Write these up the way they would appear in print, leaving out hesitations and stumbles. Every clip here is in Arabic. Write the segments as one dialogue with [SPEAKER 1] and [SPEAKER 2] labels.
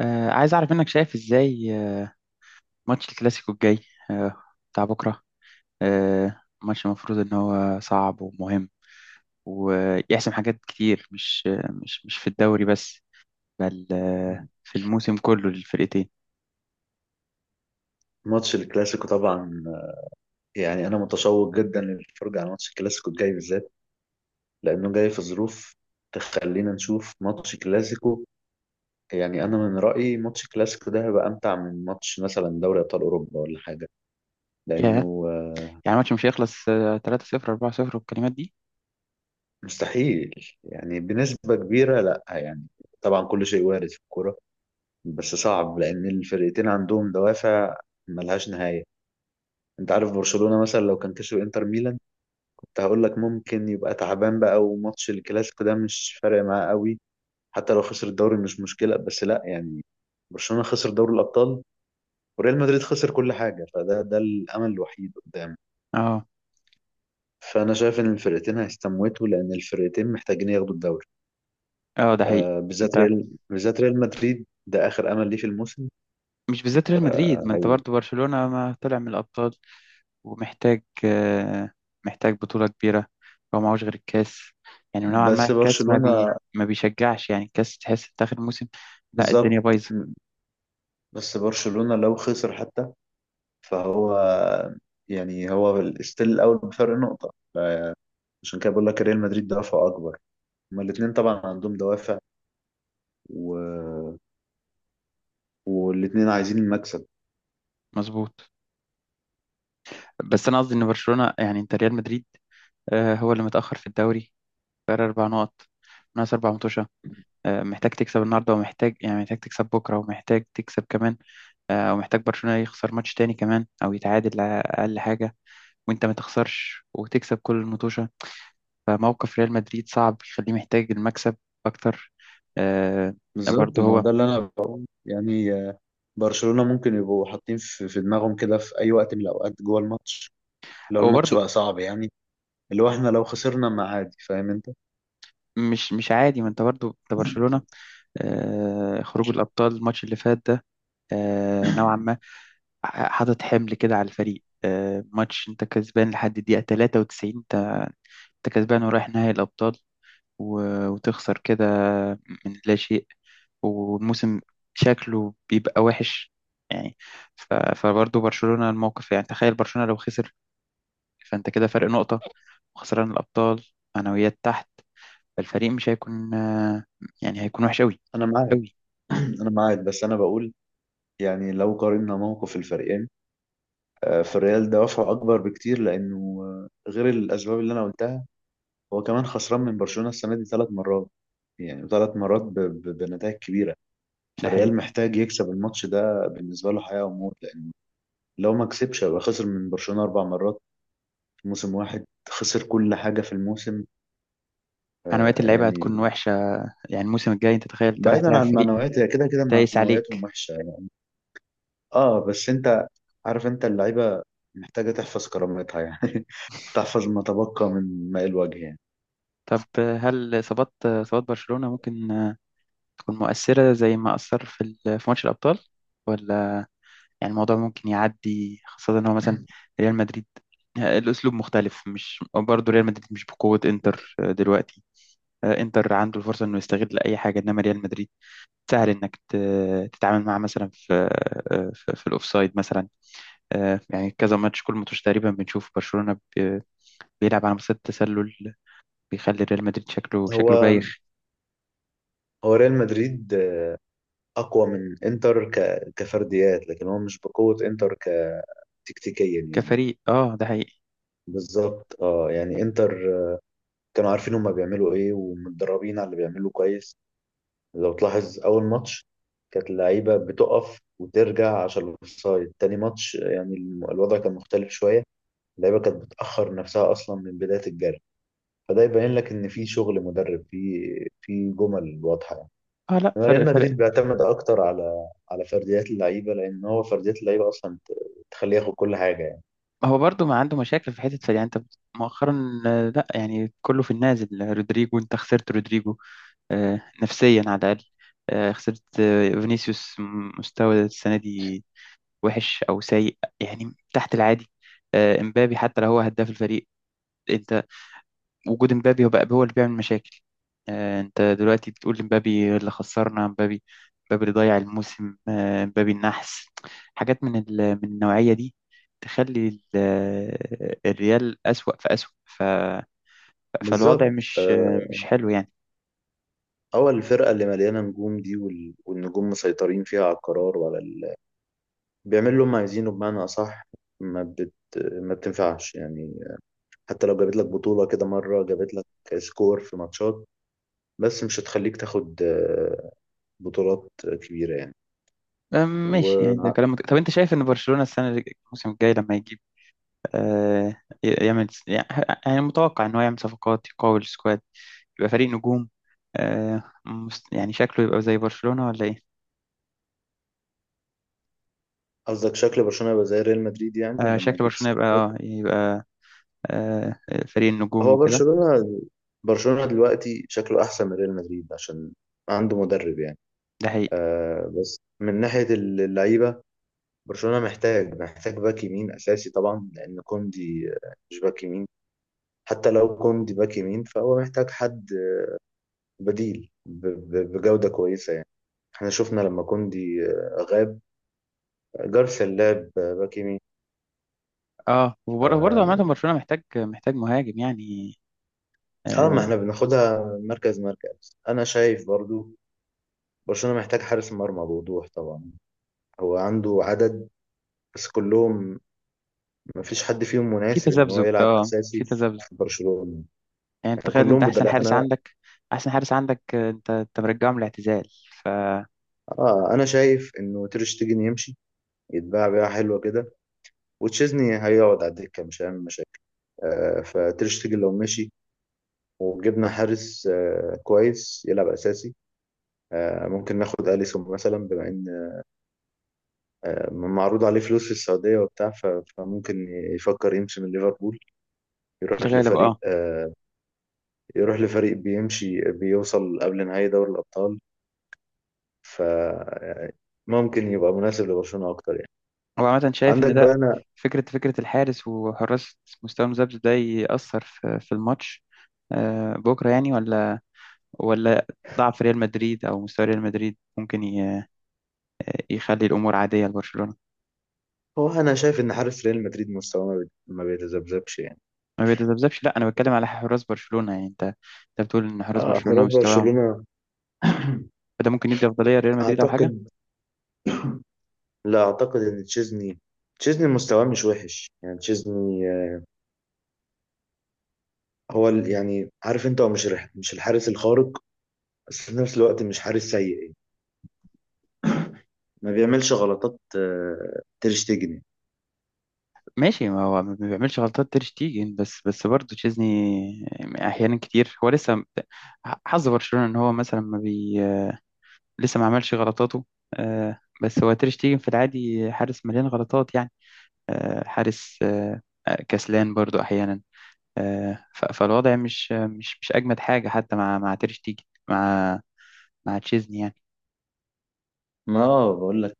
[SPEAKER 1] عايز أعرف منك، شايف إزاي ماتش الكلاسيكو الجاي آه بتاع بكرة. ماتش المفروض إن هو صعب ومهم، ويحسم حاجات كتير، مش مش في الدوري بس، بل في الموسم كله للفرقتين.
[SPEAKER 2] ماتش الكلاسيكو طبعا. يعني انا متشوق جدا للفرجه على ماتش الكلاسيكو الجاي بالذات لانه جاي في ظروف تخلينا نشوف ماتش كلاسيكو. يعني انا من رايي ماتش الكلاسيكو ده هيبقى امتع من ماتش مثلا دوري ابطال اوروبا ولا حاجه
[SPEAKER 1] ياه!
[SPEAKER 2] لانه
[SPEAKER 1] يعني الماتش مش هيخلص 3-0، 4-0 والكلمات دي.
[SPEAKER 2] مستحيل. يعني بنسبه كبيره لا يعني. طبعا كل شيء وارد في الكوره بس صعب لان الفرقتين عندهم دوافع ملهاش نهايه. انت عارف برشلونه مثلا لو كان كسب انتر ميلان كنت هقول لك ممكن يبقى تعبان بقى وماتش الكلاسيكو ده مش فارق معاه قوي. حتى لو خسر الدوري مش مشكلة بس لا يعني. برشلونة خسر دوري الأبطال وريال مدريد خسر كل حاجة، فده ده الأمل الوحيد قدامه.
[SPEAKER 1] اه،
[SPEAKER 2] فأنا شايف إن الفرقتين هيستموتوا لأن الفرقتين محتاجين ياخدوا الدوري.
[SPEAKER 1] اه، ده حقيقي.
[SPEAKER 2] آه، بالذات
[SPEAKER 1] أنت،
[SPEAKER 2] ريال، بالذات ريال مدريد ده آخر أمل ليه في الموسم.
[SPEAKER 1] مش بالذات ريال مدريد،
[SPEAKER 2] آه،
[SPEAKER 1] ما أنت
[SPEAKER 2] هي-
[SPEAKER 1] برضه برشلونة ما طلع من الأبطال، ومحتاج آه، محتاج بطولة كبيرة. هو معهوش غير الكاس، يعني نوعا ما
[SPEAKER 2] بس
[SPEAKER 1] الكاس
[SPEAKER 2] برشلونة
[SPEAKER 1] ما بيشجعش، يعني الكاس تحس في آخر الموسم. لا،
[SPEAKER 2] بالظبط.
[SPEAKER 1] الدنيا بايظة.
[SPEAKER 2] بس برشلونة لو خسر حتى فهو، يعني هو ستيل الأول بفرق نقطة، عشان كده بقول لك ريال مدريد دوافعه أكبر. هما الاتنين طبعا عندهم دوافع و... والاتنين عايزين المكسب.
[SPEAKER 1] مظبوط. بس أنا قصدي إن برشلونة، يعني أنت ريال مدريد هو اللي متأخر في الدوري، فرق أربع نقط، ناقص أربع متوشة. محتاج تكسب النهاردة، ومحتاج يعني محتاج تكسب بكرة، ومحتاج تكسب كمان. ومحتاج برشلونة يخسر ماتش تاني كمان، أو يتعادل على أقل حاجة، وأنت ما تخسرش وتكسب كل الماتش. فموقف ريال مدريد صعب، يخليه محتاج المكسب أكتر. آه،
[SPEAKER 2] بالظبط،
[SPEAKER 1] برضه
[SPEAKER 2] ما هو
[SPEAKER 1] هو
[SPEAKER 2] ده اللي أنا بقول، يعني برشلونة ممكن يبقوا حاطين في دماغهم كده في أي وقت من الأوقات جوه الماتش لو
[SPEAKER 1] هو
[SPEAKER 2] الماتش
[SPEAKER 1] برضه
[SPEAKER 2] بقى صعب يعني. اللي هو، إحنا لو خسرنا ما عادي، فاهم أنت؟
[SPEAKER 1] مش عادي، ما انت برضه انت برشلونة. خروج الأبطال، الماتش اللي فات ده، نوعا ما حاطط حمل كده على الفريق. ماتش انت كسبان لحد الدقيقة 93، انت كسبان ورايح نهائي الأبطال، وتخسر كده من لا شيء. والموسم شكله بيبقى وحش يعني. فبرضه برشلونة الموقف، يعني تخيل برشلونة لو خسر، فأنت كده فرق نقطة، وخسران الأبطال، معنويات تحت، فالفريق مش هيكون يعني هيكون وحش أوي.
[SPEAKER 2] أنا معاك.
[SPEAKER 1] أوي.
[SPEAKER 2] أنا معاك، بس أنا بقول يعني لو قارنا موقف الفريقين، فالريال دوافعه اكبر بكتير لانه غير الاسباب اللي انا قلتها، هو كمان خسران من برشلونة السنة دي ثلاث مرات. يعني ثلاث مرات بنتائج كبيرة.
[SPEAKER 1] ده حقيقي.
[SPEAKER 2] فالريال محتاج يكسب الماتش ده، بالنسبة له حياة وموت، لأن لو ما كسبش يبقى خسر من برشلونة أربع مرات في موسم واحد، خسر كل حاجة في الموسم.
[SPEAKER 1] معنويات
[SPEAKER 2] آه
[SPEAKER 1] اللعيبة
[SPEAKER 2] يعني.
[SPEAKER 1] هتكون وحشة، يعني الموسم الجاي أنت تخيل أنت رايح
[SPEAKER 2] بعيدا
[SPEAKER 1] تلعب
[SPEAKER 2] عن
[SPEAKER 1] فريق
[SPEAKER 2] المعنويات، هي كده كده
[SPEAKER 1] دايس
[SPEAKER 2] معنوياتهم
[SPEAKER 1] عليك.
[SPEAKER 2] وحشة يعني. اه بس انت عارف، انت اللعيبة محتاجة تحفظ كرامتها يعني. تحفظ ما تبقى من ماء الوجه يعني.
[SPEAKER 1] طب، هل إصابات برشلونة ممكن تكون مؤثرة زي ما أثر في في ماتش الأبطال، ولا يعني الموضوع ممكن يعدي، خاصة إن هو مثلا ريال مدريد الأسلوب مختلف. مش برضه ريال مدريد مش بقوة إنتر دلوقتي. إنتر عنده الفرصة إنه يستغل أي حاجة، إنما ريال مدريد سهل انك تتعامل معاه، مثلا في في الاوفسايد مثلا. يعني كذا ماتش، كل ماتش تقريبا بنشوف برشلونة بيلعب على مسات تسلل، بيخلي ريال مدريد شكله
[SPEAKER 2] هو
[SPEAKER 1] بايخ.
[SPEAKER 2] هو ريال مدريد اقوى من انتر كفرديات، لكن هو مش بقوة انتر كتكتيكيا يعني.
[SPEAKER 1] كفريق، اه، ده حقيقي.
[SPEAKER 2] بالظبط، اه، يعني انتر كانوا عارفين هما بيعملوا ايه ومتدربين على اللي بيعملوا كويس. لو تلاحظ اول ماتش كانت اللعيبة بتقف وترجع عشان الاوفسايد. تاني ماتش يعني الوضع كان مختلف شوية. اللعيبة كانت بتأخر نفسها اصلا من بداية الجري. فده يبين لك ان في شغل مدرب، في جمل واضحة يعني.
[SPEAKER 1] اه، لا،
[SPEAKER 2] إنما
[SPEAKER 1] فرق
[SPEAKER 2] ريال
[SPEAKER 1] فرق.
[SPEAKER 2] مدريد بيعتمد اكتر على فرديات اللعيبه، لان هو فرديات اللعيبه اصلا تخليه ياخد كل حاجه يعني.
[SPEAKER 1] هو برضو ما عنده مشاكل في حتة فرق يعني، انت مؤخرا لا، يعني كله في النازل. رودريجو، انت خسرت رودريجو نفسيا على الاقل. خسرت فينيسيوس، مستوى السنة دي وحش او سيء، يعني تحت العادي. امبابي، حتى لو هو هداف الفريق، انت وجود امبابي هو بقى هو اللي بيعمل مشاكل. انت دلوقتي بتقول امبابي اللي خسرنا، امبابي، امبابي اللي ضيع الموسم، امبابي النحس، حاجات من من النوعية دي، تخلي الريال أسوأ فأسوأ، فالوضع
[SPEAKER 2] بالظبط.
[SPEAKER 1] مش
[SPEAKER 2] آه،
[SPEAKER 1] مش حلو يعني.
[SPEAKER 2] هو الفرقه اللي مليانه نجوم دي، والنجوم مسيطرين فيها على القرار وعلى بيعملوا اللي هم عايزينه بمعنى اصح. ما بت... ما بتنفعش يعني. حتى لو جابت لك بطوله كده، مره جابت لك سكور في ماتشات، بس مش هتخليك تاخد بطولات كبيره يعني.
[SPEAKER 1] ماشي، يعني ده
[SPEAKER 2] وقصدك
[SPEAKER 1] كلام طب انت شايف ان برشلونة السنة الموسم الجاي لما يجي يعني متوقع إن هو يعمل صفقات يقوي السكواد، يبقى فريق نجوم. يعني شكله يبقى زي برشلونة ولا إيه؟
[SPEAKER 2] شكل برشلونه يبقى زي ريال مدريد يعني لما
[SPEAKER 1] شكل
[SPEAKER 2] يجيب
[SPEAKER 1] برشلونة يبقى
[SPEAKER 2] صفقات.
[SPEAKER 1] آه يبقى آه، فريق النجوم
[SPEAKER 2] هو
[SPEAKER 1] وكده.
[SPEAKER 2] برشلونة، برشلونة دلوقتي شكله أحسن من ريال مدريد عشان عنده مدرب يعني.
[SPEAKER 1] ده حقيقي.
[SPEAKER 2] آه، بس من ناحية اللعيبة برشلونة محتاج، محتاج باك يمين أساسي طبعا، لأن كوندي مش باك يمين. حتى لو كوندي باك يمين فهو محتاج حد بديل بجودة كويسة يعني. احنا شفنا لما كوندي غاب، جارسيا لعب باك يمين.
[SPEAKER 1] اه، وبرضه عامة برشلونة محتاج مهاجم يعني.
[SPEAKER 2] اه، ما
[SPEAKER 1] آه،
[SPEAKER 2] احنا بناخدها مركز مركز. انا شايف برضو برشلونة محتاج حارس مرمى بوضوح طبعا. هو عنده عدد، بس كلهم ما فيش حد فيهم
[SPEAKER 1] في
[SPEAKER 2] مناسب ان هو
[SPEAKER 1] تذبذب،
[SPEAKER 2] يلعب
[SPEAKER 1] اه،
[SPEAKER 2] اساسي
[SPEAKER 1] في
[SPEAKER 2] في
[SPEAKER 1] تذبذب،
[SPEAKER 2] برشلونة.
[SPEAKER 1] يعني أنت
[SPEAKER 2] يعني
[SPEAKER 1] تخيل، انت
[SPEAKER 2] كلهم
[SPEAKER 1] احسن
[SPEAKER 2] بدلاء.
[SPEAKER 1] حارس
[SPEAKER 2] انا،
[SPEAKER 1] عندك، انت مرجعه من الاعتزال ف-
[SPEAKER 2] اه انا شايف انه تير شتيجن يمشي، يتباع بيعه حلوه كده، وتشيزني هيقعد على الدكه مش هيعمل مشاكل. آه، فتير شتيجن لو مشي وجبنا حارس آه كويس يلعب اساسي، آه ممكن ناخد اليسون مثلا، بما ان آه معروض عليه فلوس في السعوديه وبتاع، فممكن يفكر يمشي من ليفربول،
[SPEAKER 1] في
[SPEAKER 2] يروح
[SPEAKER 1] الغالب،
[SPEAKER 2] لفريق
[SPEAKER 1] اه.
[SPEAKER 2] آه، يروح لفريق بيمشي بيوصل قبل نهائي دوري الابطال. فممكن يبقى مناسب لبرشلونة اكتر يعني.
[SPEAKER 1] هو عامة شايف إن
[SPEAKER 2] عندك بقى.
[SPEAKER 1] ده
[SPEAKER 2] انا،
[SPEAKER 1] فكرة الحارس، وحراس مستوى مذبذب ده يأثر في الماتش بكرة يعني، ولا ضعف ريال مدريد، أو مستوى ريال مدريد ممكن يخلي الأمور عادية لبرشلونة.
[SPEAKER 2] هو انا شايف ان حارس ريال مدريد مستواه ما بيتذبذبش يعني.
[SPEAKER 1] ما بيتذبذبش، لا، أنا بتكلم على حراس برشلونة، يعني أنت بتقول إن حراس
[SPEAKER 2] اه،
[SPEAKER 1] برشلونة
[SPEAKER 2] حراس
[SPEAKER 1] مستواهم،
[SPEAKER 2] برشلونة.
[SPEAKER 1] فده ممكن يدي أفضلية لريال مدريد أو
[SPEAKER 2] اعتقد،
[SPEAKER 1] حاجة.
[SPEAKER 2] لا اعتقد ان تشيزني، تشيزني مستواه مش وحش يعني. تشيزني هو يعني عارف انت، هو مش مش الحارس الخارق، بس في نفس الوقت مش حارس سيء يعني. ما بيعملش غلطات تير شتيجن يعني.
[SPEAKER 1] ماشي، ما هو ما بيعملش غلطات تير شتيجن، بس برضه تشيزني أحيانا كتير هو لسه، حظ برشلونة إن هو مثلا ما بي لسه ما عملش غلطاته. بس هو تير شتيجن في العادي حارس مليان غلطات يعني. آه، حارس آه، آه، كسلان برضو أحيانا. فالوضع مش أجمد حاجة حتى مع مع تير شتيجن، مع تشيزني يعني.
[SPEAKER 2] ما بقول لك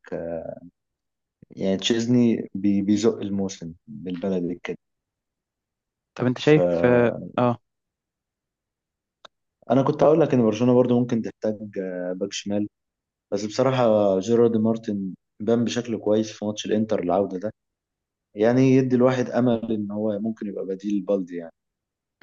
[SPEAKER 2] يعني تشيزني بيزق الموسم بالبلد.
[SPEAKER 1] طب أنت شايف آه،
[SPEAKER 2] انا كنت هقول لك ان برشلونه برضو ممكن تحتاج باك شمال، بس بصراحه جيرارد مارتن بان بشكل كويس في ماتش الانتر العوده ده. يعني يدي الواحد امل ان هو ممكن يبقى بديل بالدي يعني.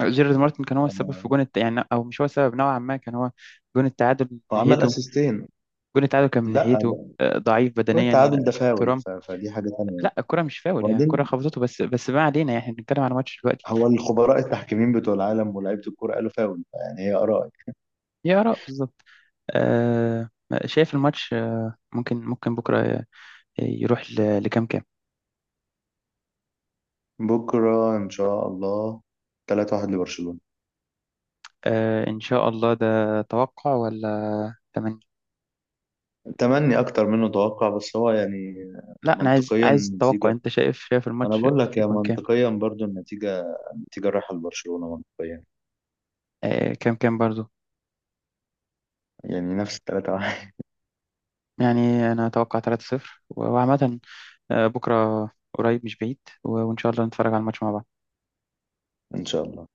[SPEAKER 1] جيرارد مارتن كان هو السبب في
[SPEAKER 2] آه،
[SPEAKER 1] جون يعني أو مش هو السبب، نوعا ما كان هو جون التعادل من
[SPEAKER 2] هو عمل
[SPEAKER 1] ناحيته.
[SPEAKER 2] اسيستين.
[SPEAKER 1] جون التعادل كان من
[SPEAKER 2] لا،
[SPEAKER 1] ناحيته
[SPEAKER 2] ده
[SPEAKER 1] ضعيف
[SPEAKER 2] هو
[SPEAKER 1] بدنيا
[SPEAKER 2] التعادل ده فاول،
[SPEAKER 1] ترام.
[SPEAKER 2] فدي حاجه تانية.
[SPEAKER 1] لا، الكرة مش فاول، هي الكرة
[SPEAKER 2] وبعدين،
[SPEAKER 1] خبطته، بس ما علينا، يعني نتكلم عن الماتش دلوقتي.
[SPEAKER 2] هو الخبراء التحكيمين بتوع العالم ولاعيبه الكوره قالوا فاول. يعني هي ارائي.
[SPEAKER 1] يا آراء بالظبط. آه، شايف الماتش ممكن بكرة يروح لكام.
[SPEAKER 2] بكره ان شاء الله 3-1 لبرشلونه.
[SPEAKER 1] إن شاء الله، ده توقع ولا تمني؟
[SPEAKER 2] تمني اكتر منه توقع، بس هو يعني
[SPEAKER 1] لا، أنا عايز
[SPEAKER 2] منطقيا
[SPEAKER 1] عايز توقع،
[SPEAKER 2] نتيجه.
[SPEAKER 1] أنت شايف،
[SPEAKER 2] انا
[SPEAKER 1] الماتش
[SPEAKER 2] بقول لك، يا
[SPEAKER 1] يكون كام.
[SPEAKER 2] منطقيا برضو النتيجه، النتيجه رايحه لبرشلونه منطقيا.
[SPEAKER 1] كام برضو.
[SPEAKER 2] يعني نفس الثلاثه واحد.
[SPEAKER 1] يعني أنا أتوقع 3-0 وعامة. بكرة قريب مش بعيد، وإن شاء الله نتفرج على الماتش مع بعض.
[SPEAKER 2] ان شاء الله.